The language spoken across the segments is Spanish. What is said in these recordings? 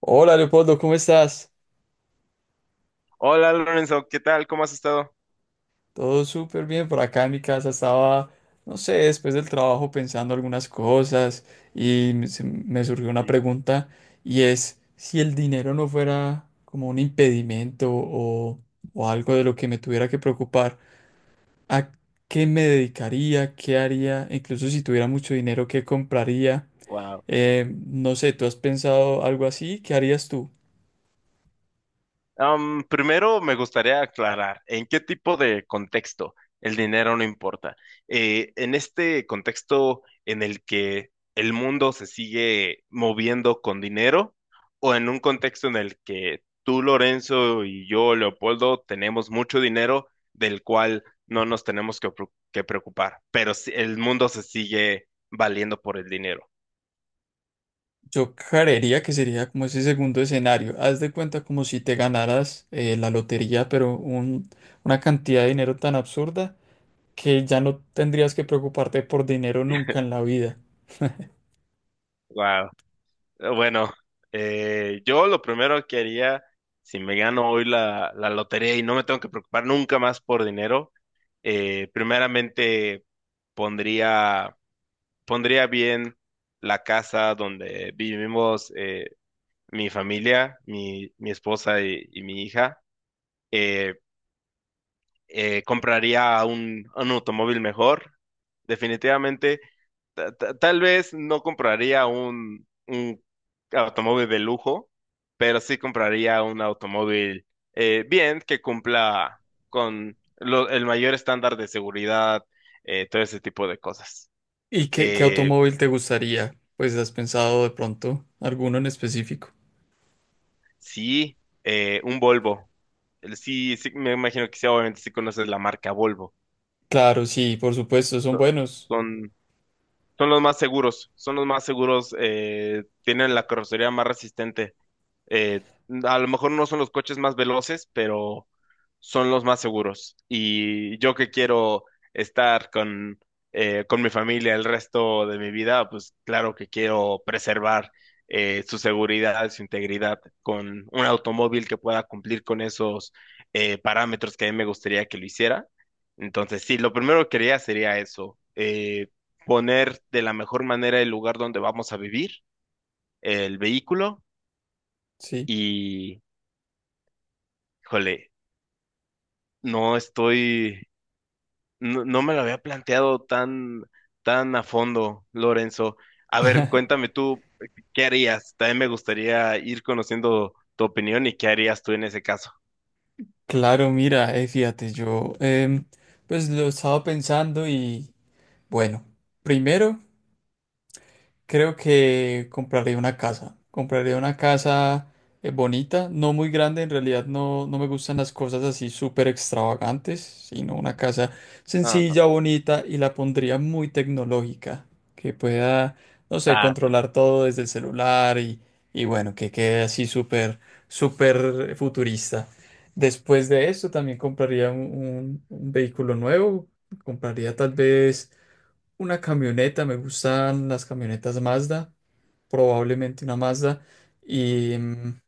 Hola Leopoldo, ¿cómo estás? Hola Lorenzo, ¿qué tal? ¿Cómo has estado? Todo súper bien por acá en mi casa. Estaba, no sé, después del trabajo pensando algunas cosas y me surgió una Sí, pregunta, y es si el dinero no fuera como un impedimento o algo de lo que me tuviera que preocupar, ¿a qué me dedicaría? ¿Qué haría? Incluso si tuviera mucho dinero, ¿qué compraría? wow. No sé, ¿tú has pensado algo así? ¿Qué harías tú? Primero me gustaría aclarar en qué tipo de contexto el dinero no importa. En este contexto en el que el mundo se sigue moviendo con dinero o en un contexto en el que tú, Lorenzo, y yo, Leopoldo, tenemos mucho dinero del cual no nos tenemos que preocupar, pero el mundo se sigue valiendo por el dinero. Yo creería que sería como ese segundo escenario. Haz de cuenta como si te ganaras la lotería, pero una cantidad de dinero tan absurda que ya no tendrías que preocuparte por dinero nunca en la vida. Bueno, yo lo primero que haría si me gano hoy la lotería y no me tengo que preocupar nunca más por dinero, primeramente pondría, pondría bien la casa donde vivimos, mi familia, mi esposa y mi hija. Eh, compraría un automóvil mejor. Definitivamente, tal vez no compraría un automóvil de lujo, pero sí compraría un automóvil bien, que cumpla con el mayor estándar de seguridad, todo ese tipo de cosas. ¿Y qué Eh, automóvil te gustaría? Pues has pensado de pronto alguno en específico. sí, un Volvo. Sí, sí, me imagino que sí, obviamente sí conoces la marca Volvo. Claro, sí, por supuesto, son So- buenos. Son, son los más seguros, son los más seguros, tienen la carrocería más resistente. Eh, a lo mejor no son los coches más veloces, pero son los más seguros. Y yo que quiero estar con mi familia el resto de mi vida, pues claro que quiero preservar, su seguridad, su integridad, con un automóvil que pueda cumplir con esos, parámetros que a mí me gustaría que lo hiciera. Entonces, sí, lo primero que haría sería eso, poner de la mejor manera el lugar donde vamos a vivir, el vehículo. Sí. Híjole, no estoy, no, no me lo había planteado tan, tan a fondo, Lorenzo. A ver, cuéntame tú, ¿qué harías? También me gustaría ir conociendo tu opinión y qué harías tú en ese caso. Claro, mira, fíjate, yo pues lo estaba pensando y bueno, primero. Creo que compraré una casa. Compraré una casa bonita, no muy grande. En realidad no me gustan las cosas así súper extravagantes, sino una casa Ajá. sencilla, bonita, y la pondría muy tecnológica, que pueda, no sé, Ah, sí. controlar todo desde el celular y bueno, que quede así súper futurista. Después de eso también compraría un vehículo nuevo. Compraría tal vez una camioneta, me gustan las camionetas Mazda, probablemente una Mazda, y, Mm. mm,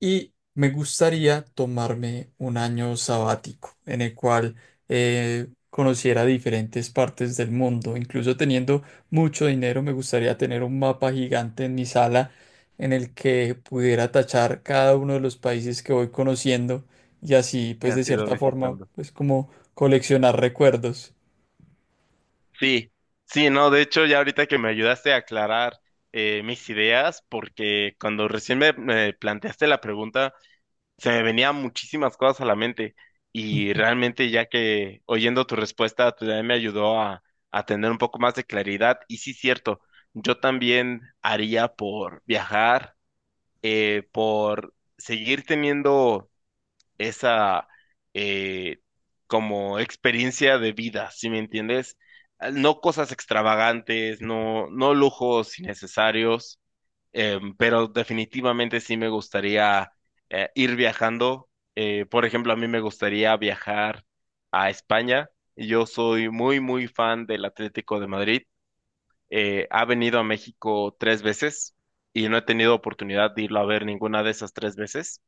y me gustaría tomarme un año sabático en el cual conociera diferentes partes del mundo. Incluso teniendo mucho dinero, me gustaría tener un mapa gigante en mi sala en el que pudiera tachar cada uno de los países que voy conociendo, y así, ¿Qué pues de has ido cierta forma, visitando? pues como coleccionar recuerdos. Sí, sí, no, de hecho ya ahorita que me ayudaste a aclarar mis ideas, porque cuando recién me planteaste la pregunta, se me venían muchísimas cosas a la mente y realmente ya que oyendo tu respuesta, pues también me ayudó a tener un poco más de claridad y sí, cierto, yo también haría por viajar, por seguir teniendo esa, eh, como experiencia de vida, ¿sí me entiendes? Ah, no cosas extravagantes, no, no lujos innecesarios. Pero definitivamente sí me gustaría, ir viajando. Por ejemplo, a mí me gustaría viajar a España. Yo soy muy, muy fan del Atlético de Madrid. Ha venido a México 3 veces y no he tenido oportunidad de irlo a ver ninguna de esas 3 veces.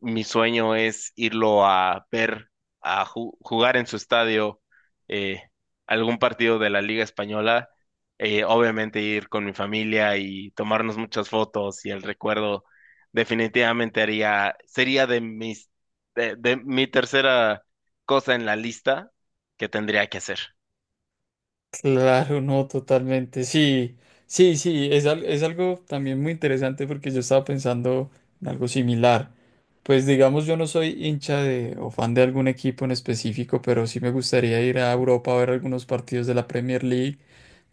Mi sueño es irlo a ver, a jugar en su estadio, eh, algún partido de la Liga Española. Obviamente ir con mi familia y tomarnos muchas fotos, y el recuerdo definitivamente haría, sería de mis, de mi tercera cosa en la lista que tendría que hacer. Claro, no, totalmente. Sí, sí, sí, es algo también muy interesante porque yo estaba pensando en algo similar. Pues digamos, yo no soy hincha de, o fan de algún equipo en específico, pero sí me gustaría ir a Europa a ver algunos partidos de la Premier League.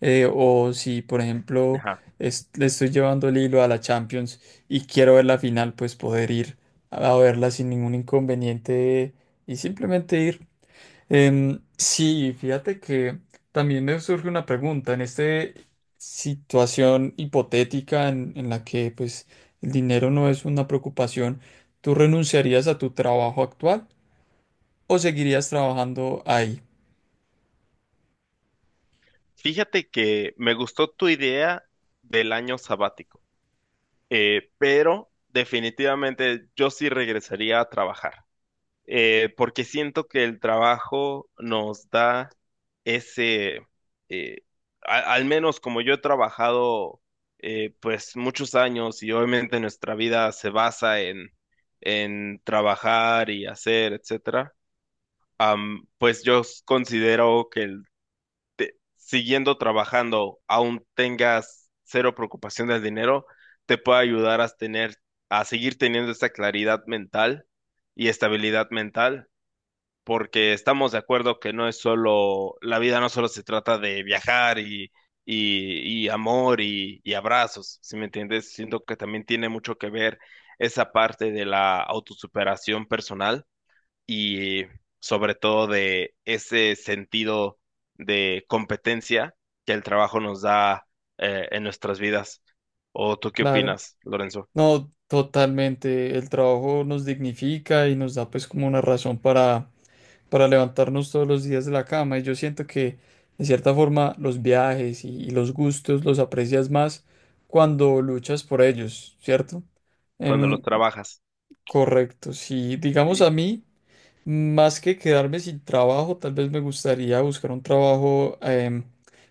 O si, por ejemplo, Ajá. Le estoy llevando el hilo a la Champions y quiero ver la final, pues poder ir a verla sin ningún inconveniente y simplemente ir. Sí, fíjate que también me surge una pregunta en esta situación hipotética en la que pues el dinero no es una preocupación, ¿tú renunciarías a tu trabajo actual o seguirías trabajando ahí? Fíjate que me gustó tu idea del año sabático, pero definitivamente yo sí regresaría a trabajar. Porque siento que el trabajo nos da ese, eh, al menos como yo he trabajado, pues muchos años, y obviamente nuestra vida se basa en trabajar y hacer, etcétera. Pues yo considero que siguiendo trabajando, aún tengas cero preocupación del dinero, te puede ayudar a tener, a seguir teniendo esa claridad mental y estabilidad mental, porque estamos de acuerdo que no es solo, la vida no solo se trata de viajar y amor y abrazos, ¿sí me entiendes? Siento que también tiene mucho que ver esa parte de la autosuperación personal y sobre todo de ese sentido de competencia que el trabajo nos da, en nuestras vidas. ¿O tú qué Claro, opinas, Lorenzo, no, totalmente. El trabajo nos dignifica y nos da pues como una razón para levantarnos todos los días de la cama. Y yo siento que, de cierta forma, los viajes y los gustos los aprecias más cuando luchas por ellos, ¿cierto? cuando los Em, trabajas? Correcto. Si, digamos, a Sí. mí, más que quedarme sin trabajo, tal vez me gustaría buscar un trabajo,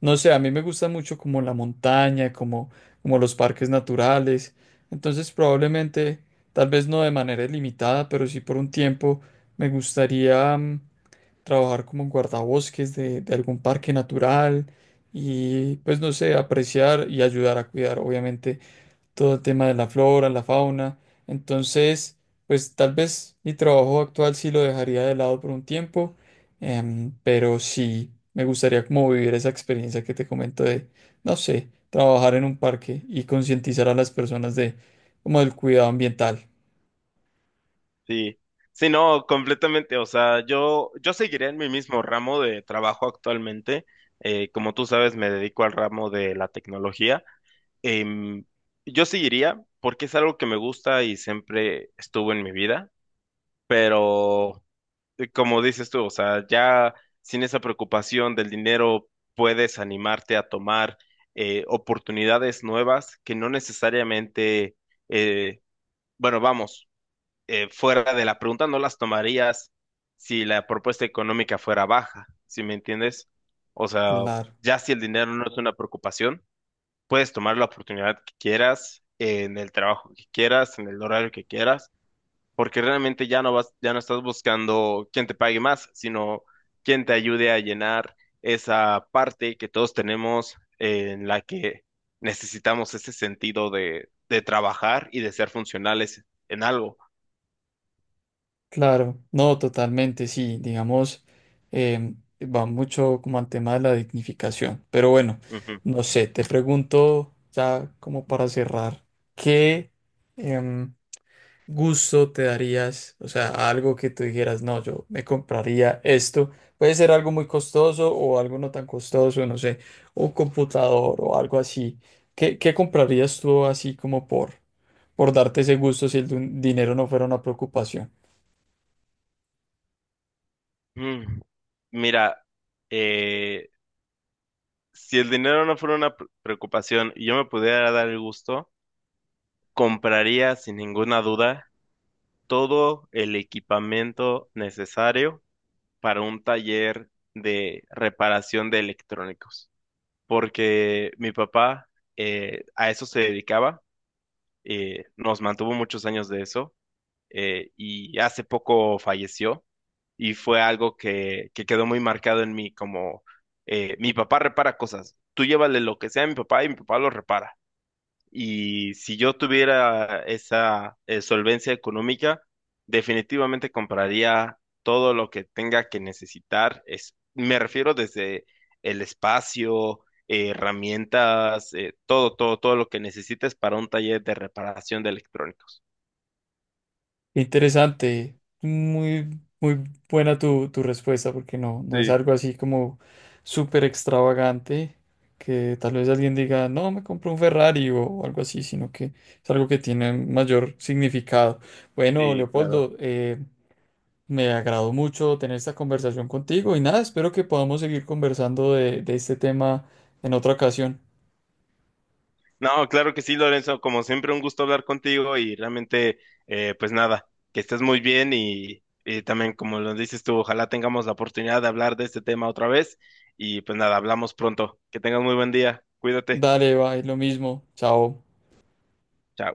no sé, a mí me gusta mucho como la montaña, como, como los parques naturales. Entonces, probablemente, tal vez no de manera ilimitada, pero sí por un tiempo, me gustaría... mm, trabajar como en guardabosques de algún parque natural, y pues no sé, apreciar y ayudar a cuidar obviamente todo el tema de la flora, la fauna. Entonces, pues tal vez mi trabajo actual sí lo dejaría de lado por un tiempo, pero sí me gustaría como vivir esa experiencia que te comento de, no sé, trabajar en un parque y concientizar a las personas de como del cuidado ambiental. Sí, sí, no, completamente. O sea, yo seguiré en mi mismo ramo de trabajo actualmente. Como tú sabes, me dedico al ramo de la tecnología. Em, yo seguiría porque es algo que me gusta y siempre estuvo en mi vida, pero como dices tú, o sea, ya sin esa preocupación del dinero puedes animarte a tomar, oportunidades nuevas que no necesariamente, eh, bueno, vamos, fuera de la pregunta no las tomarías si la propuesta económica fuera baja, ¿sí me entiendes? O sea, Claro. ya si el dinero no es una preocupación, puedes tomar la oportunidad que quieras, en el trabajo que quieras, en el horario que quieras, porque realmente ya no vas, ya no estás buscando quién te pague más, sino quién te ayude a llenar esa parte que todos tenemos en la que necesitamos ese sentido de trabajar y de ser funcionales en algo. Claro, no, totalmente, sí, digamos, va mucho como al tema de la dignificación, pero bueno, no sé, te pregunto ya como para cerrar, ¿qué em, gusto te darías? O sea, algo que tú dijeras, no, yo me compraría esto, puede ser algo muy costoso o algo no tan costoso, no sé, un computador o algo así, ¿qué comprarías tú así como por darte ese gusto si el dinero no fuera una preocupación? Mm. Mira, eh, si el dinero no fuera una preocupación y yo me pudiera dar el gusto, compraría sin ninguna duda todo el equipamiento necesario para un taller de reparación de electrónicos, porque mi papá, a eso se dedicaba, nos mantuvo muchos años de eso, y hace poco falleció, y fue algo que quedó muy marcado en mí, como, mi papá repara cosas, tú llévale lo que sea a mi papá y mi papá lo repara. Y si yo tuviera esa, solvencia económica, definitivamente compraría todo lo que tenga que necesitar. Es, me refiero desde el espacio, herramientas, todo, todo, todo lo que necesites para un taller de reparación de electrónicos. Interesante, muy buena tu, tu respuesta, porque no es Sí, algo así como súper extravagante, que tal vez alguien diga, no, me compro un Ferrari o algo así, sino que es algo que tiene mayor significado. Bueno, sí, claro. Leopoldo, me agradó mucho tener esta conversación contigo y nada, espero que podamos seguir conversando de este tema en otra ocasión. No, claro que sí, Lorenzo. Como siempre, un gusto hablar contigo, y realmente, pues nada, que estés muy bien, y también, como lo dices tú, ojalá tengamos la oportunidad de hablar de este tema otra vez, y pues nada, hablamos pronto. Que tengas muy buen día. Cuídate. Dale, va, es lo mismo, chao. Chao.